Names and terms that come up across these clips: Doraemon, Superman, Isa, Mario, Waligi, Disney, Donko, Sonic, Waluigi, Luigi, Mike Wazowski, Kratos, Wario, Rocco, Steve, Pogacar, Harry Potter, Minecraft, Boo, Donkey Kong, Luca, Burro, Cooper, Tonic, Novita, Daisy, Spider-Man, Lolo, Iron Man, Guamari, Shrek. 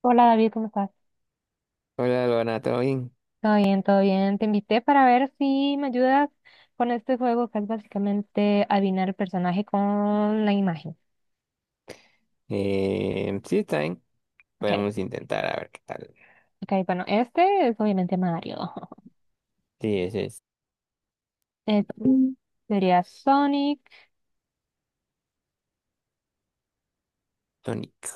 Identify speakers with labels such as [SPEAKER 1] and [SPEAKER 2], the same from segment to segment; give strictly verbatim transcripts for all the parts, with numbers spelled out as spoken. [SPEAKER 1] Hola David, ¿cómo estás?
[SPEAKER 2] Hola, Luana, ¿todo bien?
[SPEAKER 1] Todo bien, todo bien. Te invité para ver si me ayudas con este juego que es básicamente adivinar el personaje con la imagen.
[SPEAKER 2] Eh, sí, está bien.
[SPEAKER 1] Ok,
[SPEAKER 2] Podemos intentar a ver qué tal.
[SPEAKER 1] ok, bueno, este es obviamente Mario.
[SPEAKER 2] Sí, ese es
[SPEAKER 1] Este Mm. sería Sonic.
[SPEAKER 2] Tonic.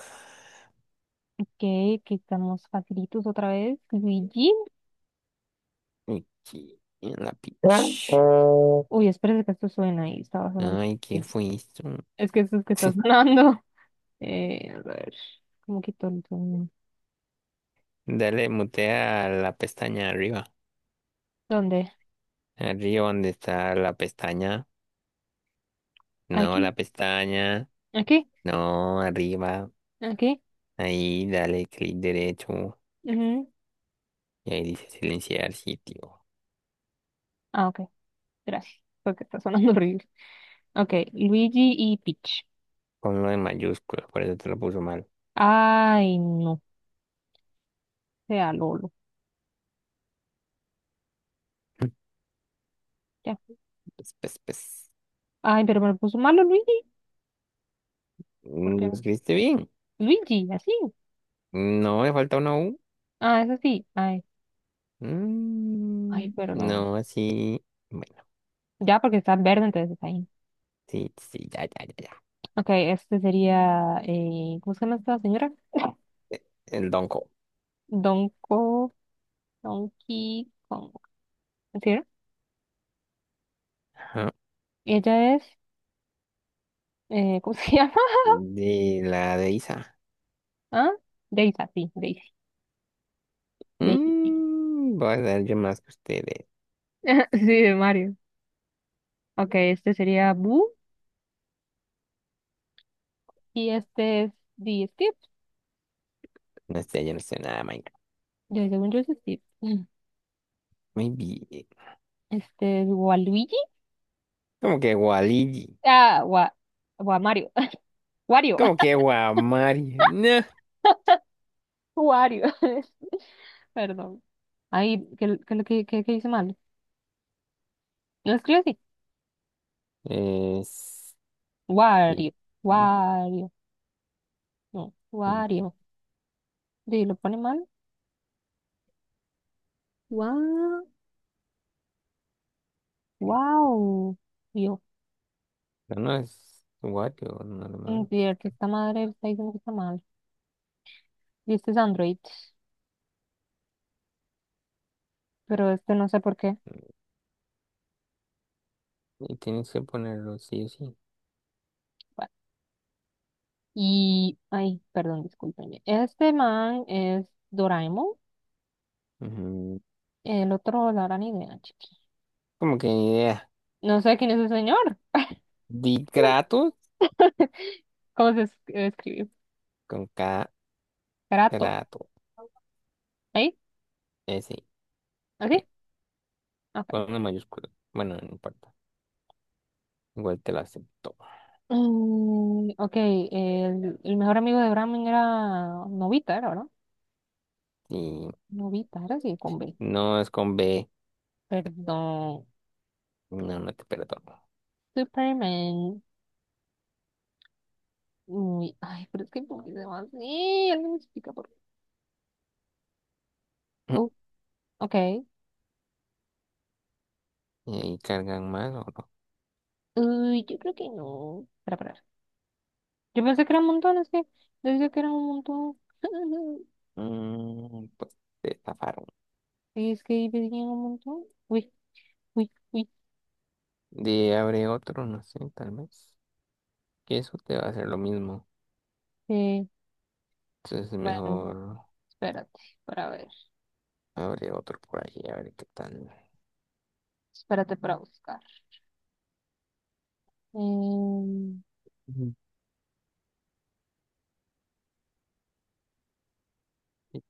[SPEAKER 1] Ok, que estamos facilitos otra vez. Luigi.
[SPEAKER 2] Aquí, en la pitch.
[SPEAKER 1] Uy, espérate que esto suena ahí, estaba sonando.
[SPEAKER 2] Ay, ¿qué fue esto?
[SPEAKER 1] Es que esto es que está sonando. Eh, a ver, ¿cómo quito el sonido?
[SPEAKER 2] Dale, mutea a la pestaña arriba.
[SPEAKER 1] ¿Dónde?
[SPEAKER 2] Arriba donde está la pestaña. No,
[SPEAKER 1] Aquí,
[SPEAKER 2] la pestaña.
[SPEAKER 1] aquí,
[SPEAKER 2] No, arriba.
[SPEAKER 1] aquí.
[SPEAKER 2] Ahí, dale clic derecho.
[SPEAKER 1] Ujú.
[SPEAKER 2] Y ahí dice silenciar sitio.
[SPEAKER 1] Ah, ok. Gracias, porque está sonando horrible. Ok, Luigi y Peach.
[SPEAKER 2] Ponlo en mayúsculas, por eso te lo puso mal.
[SPEAKER 1] Ay, no, sea Lolo. Ya.
[SPEAKER 2] Pues, pues, pues.
[SPEAKER 1] Ay, pero me puso malo Luigi. ¿Por qué?
[SPEAKER 2] ¿Lo escribiste bien?
[SPEAKER 1] Luigi, así.
[SPEAKER 2] No, me falta una U.
[SPEAKER 1] Ah, es así. Ay, ay,
[SPEAKER 2] Mm,
[SPEAKER 1] perdón.
[SPEAKER 2] no, sí. Bueno,
[SPEAKER 1] Ya, porque está verde, entonces está ahí.
[SPEAKER 2] sí, sí, ya, ya, ya, ya.
[SPEAKER 1] Ok, este sería. Eh, ¿cómo se llama esta señora?
[SPEAKER 2] El Donko.
[SPEAKER 1] Donko, Donkey Kong. ¿Sí, no?
[SPEAKER 2] Ajá.
[SPEAKER 1] Ella es. Eh, ¿cómo se llama?
[SPEAKER 2] De la de Isa.
[SPEAKER 1] ¿Ah? Daisy, sí, Daisy. Daisy.
[SPEAKER 2] Mm, voy a dar yo más que ustedes.
[SPEAKER 1] Sí, de Mario. Ok, este sería Boo. Y este es de Steve.
[SPEAKER 2] No sé, yo no sé nada, de Minecraft.
[SPEAKER 1] Yo, según yo es Steve. Mm.
[SPEAKER 2] Muy bien.
[SPEAKER 1] Este es Waluigi.
[SPEAKER 2] Como que Waligi.
[SPEAKER 1] Ah, Wa, Wa Mario. Wario.
[SPEAKER 2] Como que Guamari. No.
[SPEAKER 1] Wario. Perdón. Ahí, ¿qué, qué, lo que qué, qué hice mal? Lo escribo así.
[SPEAKER 2] Es. Sí.
[SPEAKER 1] Wario.
[SPEAKER 2] No,
[SPEAKER 1] Wario. No, Wario. Sí, lo pone mal. Wow. Wow. Yo.
[SPEAKER 2] no es Wario normal.
[SPEAKER 1] Cierto, esta madre está diciendo que está mal. Y este es Android. Pero este no sé por qué.
[SPEAKER 2] Y tienes que ponerlo sí o sí.
[SPEAKER 1] Y, ay, perdón, discúlpenme. Este man es Doraemon,
[SPEAKER 2] Ujú.
[SPEAKER 1] el otro la gran idea, chiqui.
[SPEAKER 2] Como que ni idea.
[SPEAKER 1] No sé quién es el señor.
[SPEAKER 2] Di Kratos
[SPEAKER 1] ¿Cómo se es- escribe?
[SPEAKER 2] con ka.
[SPEAKER 1] Kratos.
[SPEAKER 2] Trato.
[SPEAKER 1] ¿Ahí?
[SPEAKER 2] Eh, sí,
[SPEAKER 1] ¿Así?
[SPEAKER 2] sí. Con
[SPEAKER 1] Ok.
[SPEAKER 2] una mayúscula. Bueno, no importa. Igual te lo acepto.
[SPEAKER 1] Mm, ok, el, el mejor amigo de Doraemon era Novita, era, ¿no?
[SPEAKER 2] Si
[SPEAKER 1] Novita, era así, con B.
[SPEAKER 2] no es con be,
[SPEAKER 1] Perdón.
[SPEAKER 2] no, no te perdono.
[SPEAKER 1] Superman. Uy, ay, pero es que ¿por qué se llama así? Alguien me explica por qué. Uh, ok.
[SPEAKER 2] ¿Y ahí cargan mal o no?
[SPEAKER 1] Uy, yo creo que no. Espera, espera. Yo pensé que era un montón, es que decía que era un montón.
[SPEAKER 2] Mm, pues te zafaron.
[SPEAKER 1] Y es que ahí decía un montón. Uy, uy, uy.
[SPEAKER 2] De abre otro, no sé, tal vez. Que eso te va a hacer lo mismo.
[SPEAKER 1] Eh,
[SPEAKER 2] Entonces es
[SPEAKER 1] bueno,
[SPEAKER 2] mejor
[SPEAKER 1] espérate para ver.
[SPEAKER 2] abre otro por ahí, a ver qué tal.
[SPEAKER 1] Espérate para buscar. Em,
[SPEAKER 2] Ujú. Sí,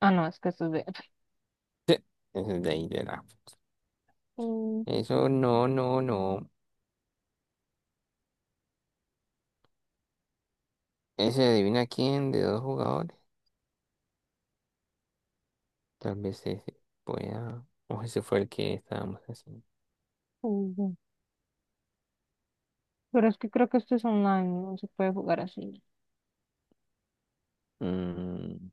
[SPEAKER 1] ah, no, es que esto es de...
[SPEAKER 2] ese es de ahí de la.
[SPEAKER 1] Mm,
[SPEAKER 2] Eso no, no, no. Ese adivina quién de dos jugadores. Tal vez ese pueda. O ese fue el que estábamos haciendo.
[SPEAKER 1] ujú. Pero es que creo que esto es online, no se puede jugar así.
[SPEAKER 2] Mm,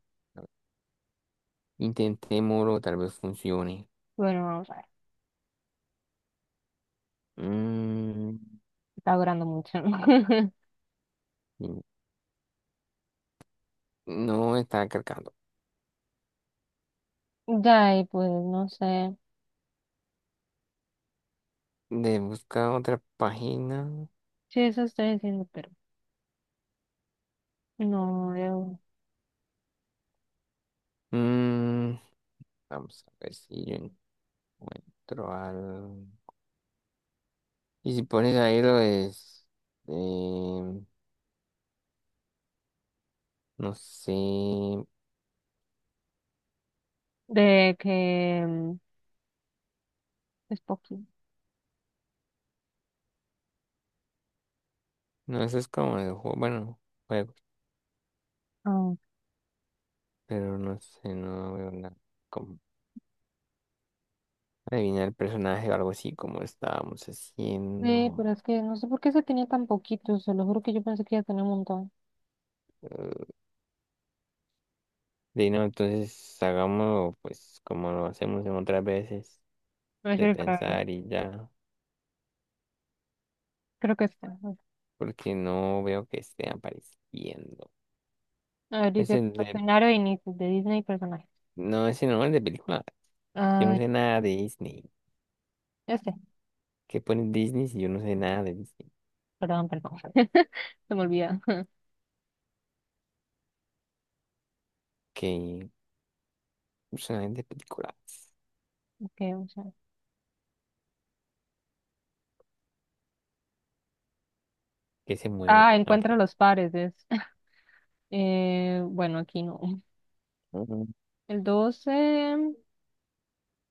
[SPEAKER 2] Intentémoslo, tal vez funcione.
[SPEAKER 1] Bueno, vamos a ver.
[SPEAKER 2] Mm,
[SPEAKER 1] Está durando mucho.
[SPEAKER 2] mm, no está cargando.
[SPEAKER 1] Ya, y pues no sé.
[SPEAKER 2] De buscar otra página.
[SPEAKER 1] Sí, eso estoy diciendo, pero no veo.
[SPEAKER 2] Mm, Vamos a ver si yo encuentro algo. Y si pones ahí lo es. eh, no sé.
[SPEAKER 1] De que mm, es poquito.
[SPEAKER 2] No, eso es como el juego. Bueno, juegos. Pero no sé, no veo nada. Adivinar el personaje o algo así como estábamos
[SPEAKER 1] Sí,
[SPEAKER 2] haciendo.
[SPEAKER 1] pero es que no sé por qué se tenía tan poquito, se lo juro que yo pensé que iba a tener un montón.
[SPEAKER 2] eh, de no, entonces hagámoslo pues como lo hacemos en otras veces,
[SPEAKER 1] A
[SPEAKER 2] de
[SPEAKER 1] ver, para ver,
[SPEAKER 2] pensar y ya,
[SPEAKER 1] creo que está.
[SPEAKER 2] porque no veo que esté apareciendo.
[SPEAKER 1] A ver,
[SPEAKER 2] Es
[SPEAKER 1] dice
[SPEAKER 2] el de,
[SPEAKER 1] escenario de inicio de Disney y personajes.
[SPEAKER 2] no, ese no, el de película. Yo no
[SPEAKER 1] Ah,
[SPEAKER 2] sé nada de Disney.
[SPEAKER 1] este,
[SPEAKER 2] ¿Qué pone Disney si yo no sé nada de Disney?
[SPEAKER 1] perdón, perdón, se me olvida.
[SPEAKER 2] Que personajes de películas.
[SPEAKER 1] Okay, vamos a ver.
[SPEAKER 2] ¿Que se mueve?
[SPEAKER 1] Ah,
[SPEAKER 2] Ok.
[SPEAKER 1] encuentra los pares, es. Eh, bueno, aquí no.
[SPEAKER 2] Ujú.
[SPEAKER 1] El doce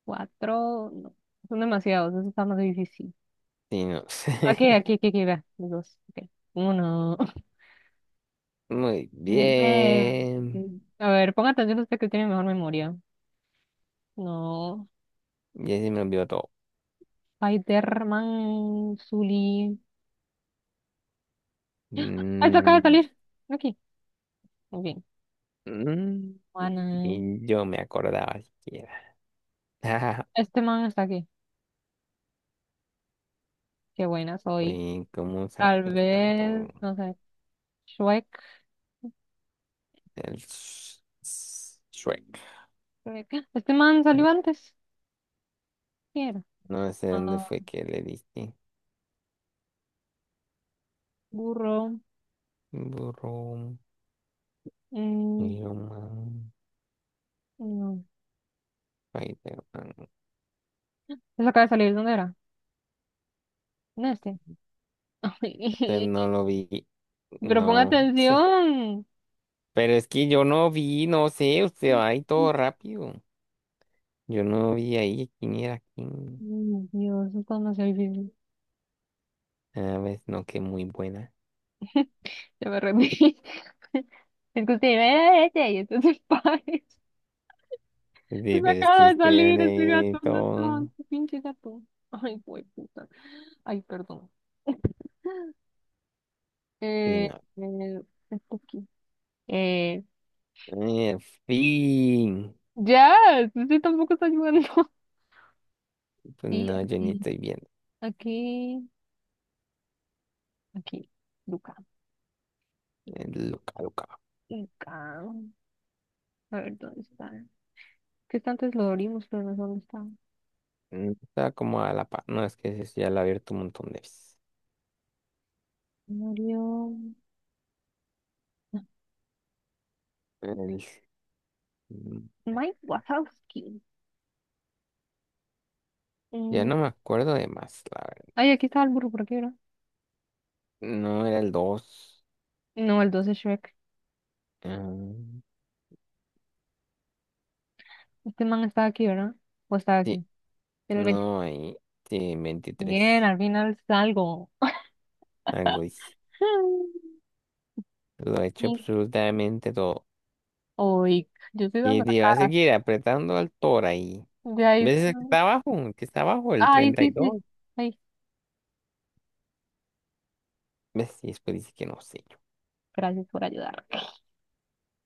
[SPEAKER 1] cuatro no, son demasiados, eso está más difícil.
[SPEAKER 2] Sí, no
[SPEAKER 1] Aquí,
[SPEAKER 2] sé.
[SPEAKER 1] aquí, aquí, aquí, vea, los dos. Okay. Uno.
[SPEAKER 2] Muy
[SPEAKER 1] Eh,
[SPEAKER 2] bien.
[SPEAKER 1] a ver, ponga atención usted que tiene mejor memoria. No.
[SPEAKER 2] Ya se me olvidó todo.
[SPEAKER 1] Spider-Man, Zully. ¡Ay, se acaba de
[SPEAKER 2] Mm,
[SPEAKER 1] salir! Aquí. Muy bien.
[SPEAKER 2] mm,
[SPEAKER 1] Juana.
[SPEAKER 2] Ni yo me acordaba siquiera. Ah,
[SPEAKER 1] Este man está aquí. Qué buena soy.
[SPEAKER 2] güey, ¿cómo
[SPEAKER 1] Tal
[SPEAKER 2] sabes tanto
[SPEAKER 1] vez, no sé. Shrek.
[SPEAKER 2] del Sh- Sh- Shrek?
[SPEAKER 1] Shrek. Este man
[SPEAKER 2] Eh,
[SPEAKER 1] salió antes. ¿Quién era?
[SPEAKER 2] No sé dónde
[SPEAKER 1] Ah,
[SPEAKER 2] fue que le diste.
[SPEAKER 1] burro.
[SPEAKER 2] Burro,
[SPEAKER 1] Mm,
[SPEAKER 2] Iron Man,
[SPEAKER 1] no.
[SPEAKER 2] Spider-Man.
[SPEAKER 1] Se acaba de salir. ¿Dónde era? En este.
[SPEAKER 2] Usted no lo vi.
[SPEAKER 1] Pero pon
[SPEAKER 2] No sé.
[SPEAKER 1] atención.
[SPEAKER 2] Pero es que yo no vi, no sé, usted va ahí todo rápido. Yo no vi ahí quién era quién.
[SPEAKER 1] Mm, Dios, esto es demasiado difícil.
[SPEAKER 2] A ver, no, que muy buena.
[SPEAKER 1] Ya me rendí. Es que usted ve y entonces pares. Se
[SPEAKER 2] Sí, pero es
[SPEAKER 1] acaba
[SPEAKER 2] que
[SPEAKER 1] de
[SPEAKER 2] usted
[SPEAKER 1] salir ese gato,
[SPEAKER 2] de
[SPEAKER 1] ¿dónde estaba?
[SPEAKER 2] todo.
[SPEAKER 1] Ese pinche gato. Ay, güey, puta. Ay, perdón.
[SPEAKER 2] Y
[SPEAKER 1] Eh,
[SPEAKER 2] no.
[SPEAKER 1] eh, Está aquí. Eh,
[SPEAKER 2] En fin.
[SPEAKER 1] ya, sí, sí, tampoco está ayudando.
[SPEAKER 2] Pues
[SPEAKER 1] Sí,
[SPEAKER 2] no, yo ni
[SPEAKER 1] aquí,
[SPEAKER 2] estoy viendo.
[SPEAKER 1] aquí, aquí. Luca,
[SPEAKER 2] Eh, Luca, Luca.
[SPEAKER 1] Luca. A ver, ¿dónde está? Que está antes lo abrimos, pero no sé dónde está.
[SPEAKER 2] Mm, Está como a la par. No, es que ese sí ya la he abierto un montón de veces.
[SPEAKER 1] Murió.
[SPEAKER 2] El- mm,
[SPEAKER 1] Mike Wazowski.
[SPEAKER 2] Ya
[SPEAKER 1] Mm,
[SPEAKER 2] no me acuerdo de más, la verdad.
[SPEAKER 1] Ay, aquí estaba el burro, ¿por qué era?
[SPEAKER 2] No era el dos.
[SPEAKER 1] No, el doce Shrek. Este man estaba aquí, ¿verdad? ¿O estaba
[SPEAKER 2] Sí,
[SPEAKER 1] aquí? El
[SPEAKER 2] no hay. Sí,
[SPEAKER 1] Bien,
[SPEAKER 2] veintitrés.
[SPEAKER 1] al final salgo.
[SPEAKER 2] Algo hice. Lo he hecho
[SPEAKER 1] Mm.
[SPEAKER 2] absolutamente todo.
[SPEAKER 1] Oy, yo estoy
[SPEAKER 2] Y
[SPEAKER 1] dando la
[SPEAKER 2] te va a
[SPEAKER 1] cara.
[SPEAKER 2] seguir apretando al toro ahí.
[SPEAKER 1] De ahí. Sí
[SPEAKER 2] ¿Ves el que
[SPEAKER 1] no-
[SPEAKER 2] está abajo? El que está abajo, el
[SPEAKER 1] Ay,
[SPEAKER 2] treinta y
[SPEAKER 1] sí,
[SPEAKER 2] dos
[SPEAKER 1] sí. Ay,
[SPEAKER 2] ¿Ves? Y después dice que no sé yo.
[SPEAKER 1] gracias por ayudar.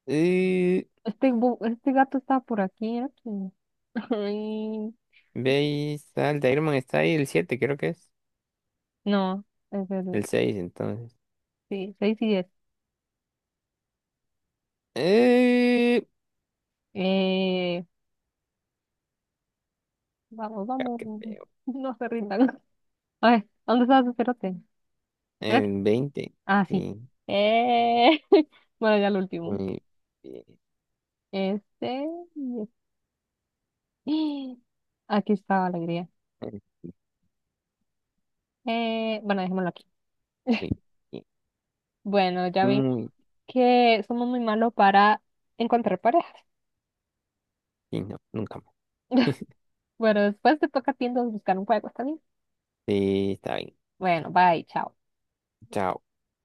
[SPEAKER 2] Eh,
[SPEAKER 1] Este, bu- este gato está por aquí, ¿eh? Sí. Ay,
[SPEAKER 2] Ve ahí está de Iron Man, está ahí el siete creo que es.
[SPEAKER 1] no, es el,
[SPEAKER 2] El seis entonces.
[SPEAKER 1] sí, seis y diez.
[SPEAKER 2] Eh,
[SPEAKER 1] Eh, Vamos,
[SPEAKER 2] ah,
[SPEAKER 1] vamos.
[SPEAKER 2] qué feo.
[SPEAKER 1] No se rindan. A ver, ¿dónde está su cerote? ¿Será que-
[SPEAKER 2] En veinte.
[SPEAKER 1] Ah, sí.
[SPEAKER 2] Sí,
[SPEAKER 1] Eh, bueno, ya lo último.
[SPEAKER 2] muy bien.
[SPEAKER 1] Este, y este. Aquí está la alegría.
[SPEAKER 2] Muy
[SPEAKER 1] Eh, bueno, dejémoslo aquí.
[SPEAKER 2] bien.
[SPEAKER 1] Bueno, ya vimos
[SPEAKER 2] Muy
[SPEAKER 1] que somos muy malos para encontrar parejas.
[SPEAKER 2] bien. No, nunca más.
[SPEAKER 1] Bueno, después te toca a ti entonces buscar un juego, ¿está bien?
[SPEAKER 2] Sí, está bien.
[SPEAKER 1] Bueno, bye, chao.
[SPEAKER 2] Chao.